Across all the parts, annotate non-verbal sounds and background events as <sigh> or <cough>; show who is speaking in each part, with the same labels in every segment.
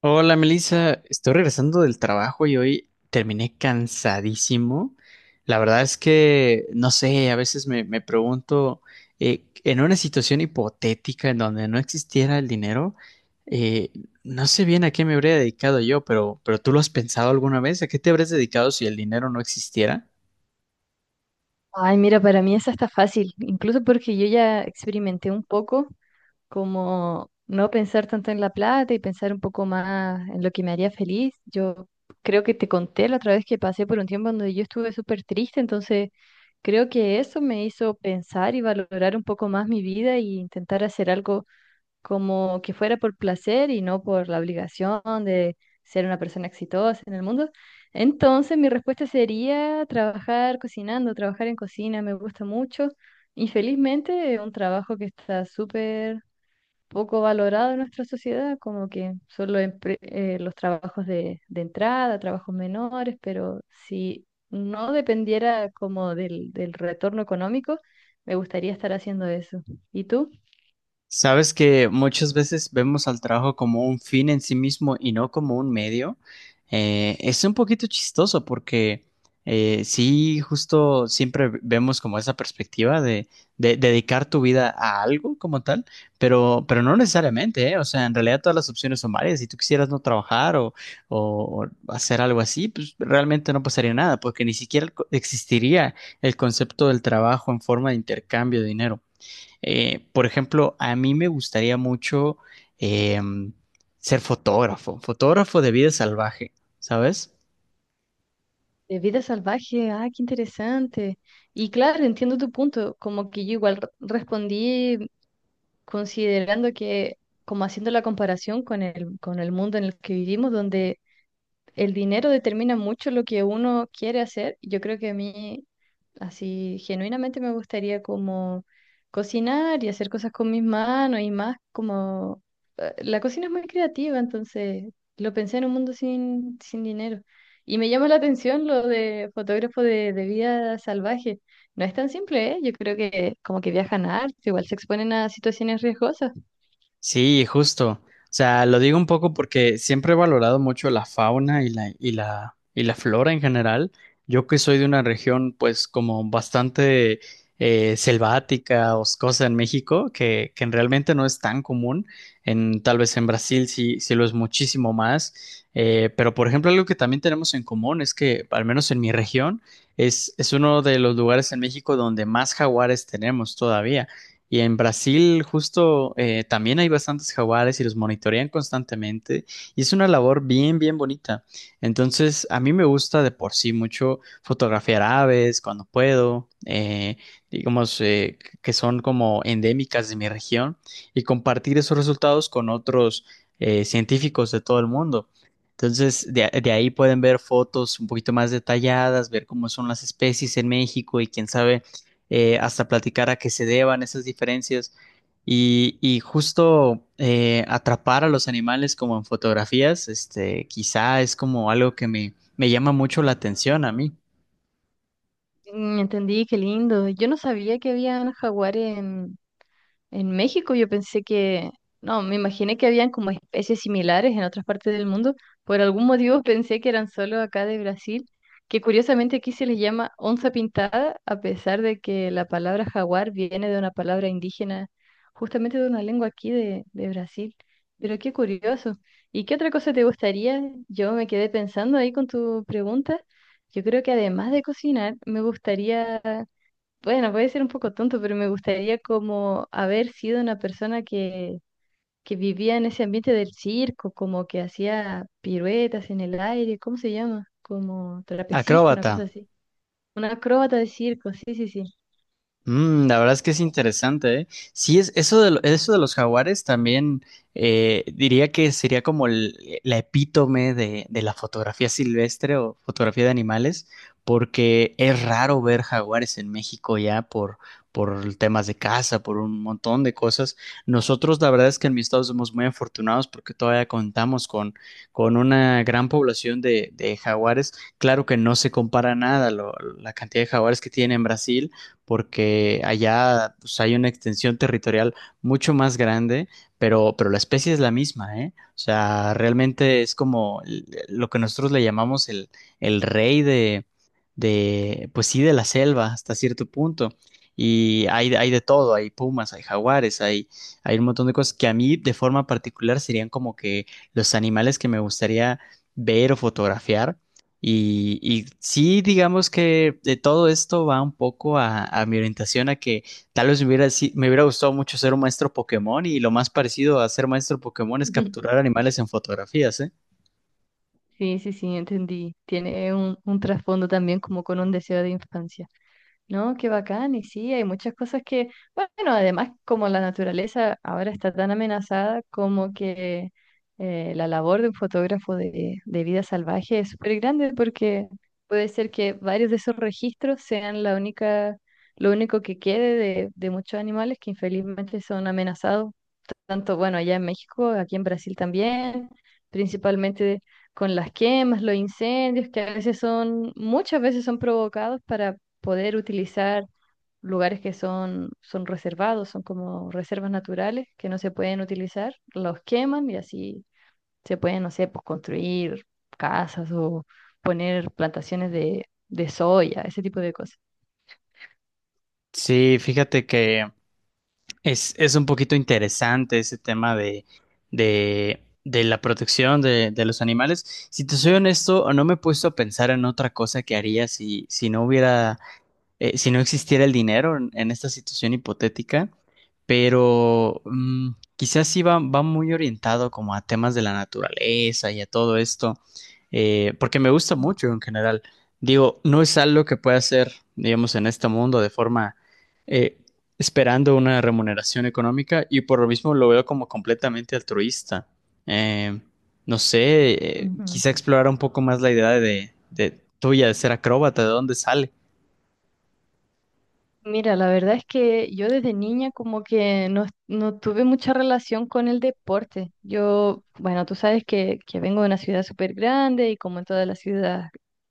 Speaker 1: Hola Melissa, estoy regresando del trabajo y hoy terminé cansadísimo. La verdad es que, no sé, a veces me pregunto, en una situación hipotética en donde no existiera el dinero, eh, no sé bien a qué me habría dedicado yo, pero ¿tú lo has pensado alguna vez? ¿A qué te habrías dedicado si el dinero no existiera?
Speaker 2: Ay, mira, para mí esa está fácil, incluso porque yo ya experimenté un poco como no pensar tanto en la plata y pensar un poco más en lo que me haría feliz. Yo creo que te conté la otra vez que pasé por un tiempo donde yo estuve súper triste, entonces creo que eso me hizo pensar y valorar un poco más mi vida y intentar hacer algo como que fuera por placer y no por la obligación de ser una persona exitosa en el mundo. Entonces, mi respuesta sería trabajar cocinando, trabajar en cocina, me gusta mucho. Infelizmente, es un trabajo que está súper poco valorado en nuestra sociedad, como que solo los trabajos de entrada, trabajos menores, pero si no dependiera como del retorno económico, me gustaría estar haciendo eso. ¿Y tú?
Speaker 1: Sabes que muchas veces vemos al trabajo como un fin en sí mismo y no como un medio. Es un poquito chistoso porque sí, justo siempre vemos como esa perspectiva de dedicar tu vida a algo como tal, pero no necesariamente, ¿eh? O sea, en realidad todas las opciones son varias. Si tú quisieras no trabajar o, o o hacer algo así, pues realmente no pasaría nada porque ni siquiera existiría el concepto del trabajo en forma de intercambio de dinero. Por ejemplo, a mí me gustaría mucho eh, ser fotógrafo, fotógrafo de vida salvaje, ¿sabes?
Speaker 2: De vida salvaje, ah, qué interesante. Y claro, entiendo tu punto, como que yo igual respondí considerando que, como haciendo la comparación con el mundo en el que vivimos, donde el dinero determina mucho lo que uno quiere hacer. Yo creo que a mí, así, genuinamente me gustaría como cocinar y hacer cosas con mis manos y más como la cocina es muy creativa, entonces lo pensé en un mundo sin dinero. Y me llama la atención lo de fotógrafo de vida salvaje. No es tan simple, ¿eh? Yo creo que como que viajan harto, igual se exponen a situaciones riesgosas.
Speaker 1: Sí, justo. O sea, lo digo un poco porque siempre he valorado mucho la fauna y la, y la, y la flora en general. Yo que soy de una región, pues, como bastante selvática, oscosa en México, que realmente no es tan común. En, tal vez en Brasil sí, sí lo es muchísimo más. Pero, por ejemplo, algo que también tenemos en común es que, al menos en mi región, es uno de los lugares en México donde más jaguares tenemos todavía. Y en Brasil justo también hay bastantes jaguares y los monitorean constantemente y es una labor bien, bien bonita. Entonces, a mí me gusta de por sí mucho fotografiar aves cuando puedo, digamos que son como endémicas de mi región y compartir esos resultados con otros científicos de todo el mundo. Entonces, de ahí pueden ver fotos un poquito más detalladas, ver cómo son las especies en México y quién sabe hasta platicar a qué se deban esas diferencias y justo atrapar a los animales como en fotografías, este, quizá es como algo que me llama mucho la atención a mí.
Speaker 2: Mm, entendí, qué lindo. Yo no sabía que habían jaguares en México. Yo pensé que, no, me imaginé que habían como especies similares en otras partes del mundo. Por algún motivo <laughs> pensé que eran solo acá de Brasil, que curiosamente aquí se les llama onza pintada, a pesar de que la palabra jaguar viene de una palabra indígena, justamente de una lengua aquí de Brasil. Pero qué curioso. ¿Y qué otra cosa te gustaría? Yo me quedé pensando ahí con tu pregunta. Yo creo que además de cocinar, me gustaría, bueno, puede ser un poco tonto, pero me gustaría como haber sido una persona que vivía en ese ambiente del circo, como que hacía piruetas en el aire, ¿cómo se llama? Como trapecista, una
Speaker 1: Acróbata.
Speaker 2: cosa así. Una acróbata de circo, sí, sí, sí.
Speaker 1: Mm, la verdad es que es interesante, ¿eh? Sí, es, eso de, lo- eso de los jaguares también diría que sería como el- la epítome de la fotografía silvestre o fotografía de animales, porque es raro ver jaguares en México ya por temas de caza, por un montón de cosas. Nosotros, la verdad es que en mi estado somos muy afortunados porque todavía contamos con una gran población de jaguares. Claro que no se compara nada lo- la cantidad de jaguares que tiene en Brasil porque allá pues, hay una extensión territorial mucho más grande, pero la especie es la misma, ¿eh? O sea, realmente es como l- lo que nosotros le llamamos el rey de, pues sí, de la selva hasta cierto punto. Y hay de todo, hay pumas, hay jaguares, hay un montón de cosas que a mí de forma particular serían como que los animales que me gustaría ver o fotografiar, y sí, digamos que de todo esto va un poco a mi orientación a que tal vez me hubiera, si- me hubiera gustado mucho ser un maestro Pokémon y lo más parecido a ser maestro Pokémon es capturar
Speaker 2: <laughs>
Speaker 1: animales en fotografías, ¿eh?
Speaker 2: Sí, sí, sí, entendí. Tiene un trasfondo también como con un deseo de infancia. No, qué bacán, y sí, hay muchas cosas que, bueno, además como la naturaleza ahora está tan amenazada, como que la labor de un fotógrafo de vida salvaje es súper grande porque puede ser que varios de esos registros sean la única, lo único que quede de muchos animales que infelizmente son amenazados tanto, bueno, allá en México, aquí en Brasil también, principalmente con las quemas, los incendios, que a veces son, muchas veces son provocados para poder utilizar lugares que son, son reservados, son como reservas naturales que no se pueden utilizar, los queman y así se pueden, no sé, pues construir casas o poner plantaciones de soya, ese tipo de cosas.
Speaker 1: Sí, fíjate que es un poquito interesante ese tema de la protección de los animales. Si te soy honesto, no me he puesto a pensar en otra cosa que haría si, si no hubiera si no existiera el dinero en esta situación hipotética, pero mm, quizás sí va, va muy orientado como a temas de la naturaleza y a todo esto, porque me gusta
Speaker 2: Mm,
Speaker 1: mucho en general. Digo, no es algo que pueda hacer, digamos, en este mundo de forma eh, esperando una remuneración económica y por lo mismo lo veo como completamente altruista. Eh, no sé,
Speaker 2: ujú.
Speaker 1: quizá explorar un poco más la idea de tuya de ser acróbata, de dónde sale.
Speaker 2: Mira, la verdad es que yo desde niña como que no, no tuve mucha relación con el deporte. Yo, bueno, tú sabes que vengo de una ciudad súper grande y como en todas las ciudades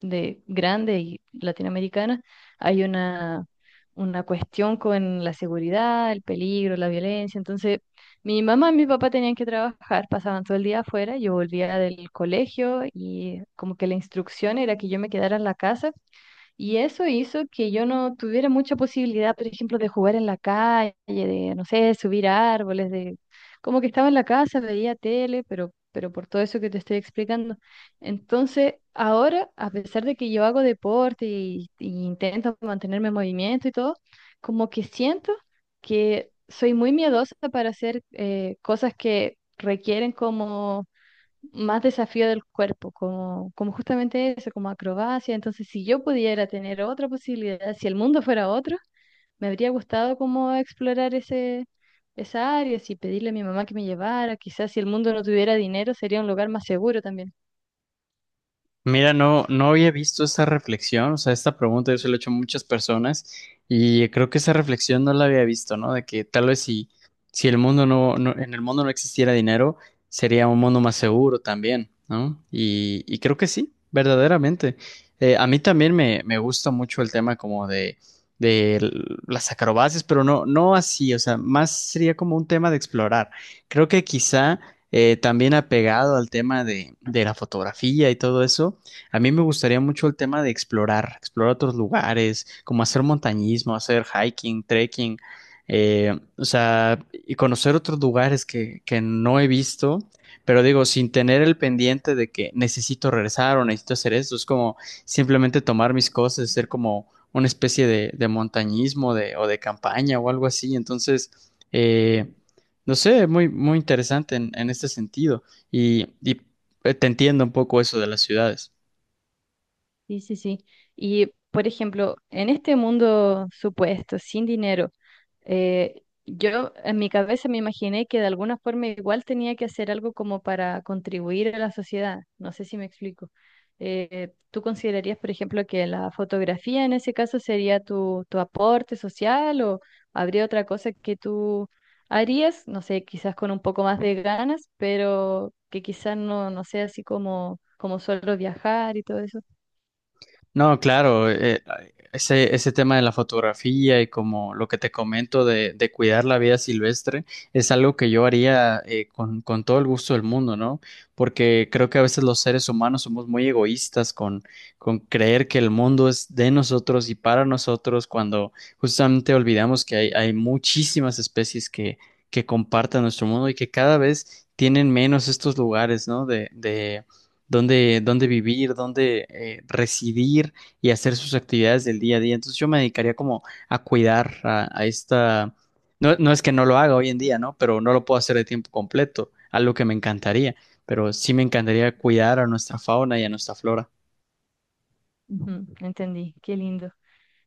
Speaker 2: de grande y latinoamericana, hay una cuestión con la seguridad, el peligro, la violencia. Entonces, mi mamá y mi papá tenían que trabajar, pasaban todo el día afuera, yo volvía del colegio y como que la instrucción era que yo me quedara en la casa y eso hizo que yo no tuviera mucha posibilidad, por ejemplo, de jugar en la calle, de, no sé, subir a árboles, de, como que estaba en la casa, veía tele, pero por todo eso que te estoy explicando. Entonces, ahora, a pesar de que yo hago deporte y intento mantenerme en movimiento y todo, como que siento que soy muy miedosa para hacer cosas que requieren como más desafío del cuerpo, como, como justamente eso, como acrobacia. Entonces, si yo pudiera tener otra posibilidad, si el mundo fuera otro, me habría gustado como explorar ese, esa área, si pedirle a mi mamá que me llevara, quizás si el mundo no tuviera dinero, sería un lugar más seguro también.
Speaker 1: Mira, no, no había visto esta reflexión, o sea, esta pregunta yo se la he hecho a muchas personas y creo que esa reflexión no la había visto, ¿no? De que tal vez si, si el mundo no, no- en el mundo no existiera dinero, sería un mundo más seguro también, ¿no? Y creo que sí, verdaderamente. A mí también me gusta mucho el tema como de l- las acrobacias, pero no, no así, o sea, más sería como un tema de explorar. Creo que quizá también apegado al tema de la fotografía y todo eso a mí me gustaría mucho el tema de explorar, explorar otros lugares, como hacer montañismo, hacer hiking, trekking, o sea, y conocer otros lugares que no he visto, pero digo, sin tener el pendiente de que necesito regresar o necesito hacer esto, es como simplemente tomar mis cosas, hacer como una especie de montañismo de, o de campaña o algo así. Entonces, eh, no sé, muy, muy interesante en este sentido. Y te entiendo un poco eso de las ciudades.
Speaker 2: Sí, sí, sí. Y, por ejemplo, en este mundo supuesto, sin dinero, yo en mi cabeza me imaginé que de alguna forma igual tenía que hacer algo como para contribuir a la sociedad. No sé si me explico. ¿Tú considerarías, por ejemplo, que la fotografía en ese caso sería tu, tu aporte social o habría otra cosa que tú harías? No sé, quizás con un poco más de ganas, pero que quizás no, no sea así como, como solo viajar y todo eso.
Speaker 1: No, claro, ese, ese tema de la fotografía y como lo que te comento de cuidar la vida silvestre es algo que yo haría con todo el gusto del mundo, ¿no? Porque creo que a veces los seres humanos somos muy egoístas con creer que el mundo es de nosotros y para nosotros cuando justamente olvidamos que hay muchísimas especies que comparten nuestro mundo y que cada vez tienen menos estos lugares, ¿no? De dónde, dónde vivir, dónde residir y hacer sus actividades del día a día. Entonces yo me dedicaría como a cuidar a esta... No, no es que no lo haga hoy en día, ¿no? Pero no lo puedo hacer de tiempo completo, algo que me encantaría, pero sí me encantaría cuidar a nuestra fauna y a nuestra flora.
Speaker 2: Ujú, entendí, qué lindo.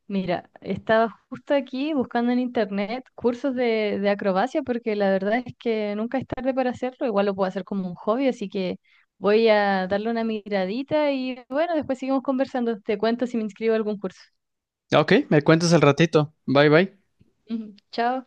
Speaker 2: Mira, estaba justo aquí buscando en internet cursos de acrobacia porque la verdad es que nunca es tarde para hacerlo, igual lo puedo hacer como un hobby, así que voy a darle una miradita y bueno, después seguimos conversando. Te cuento si me inscribo a algún curso.
Speaker 1: Ok, me cuentas al ratito. Bye bye.
Speaker 2: Ujú, chao.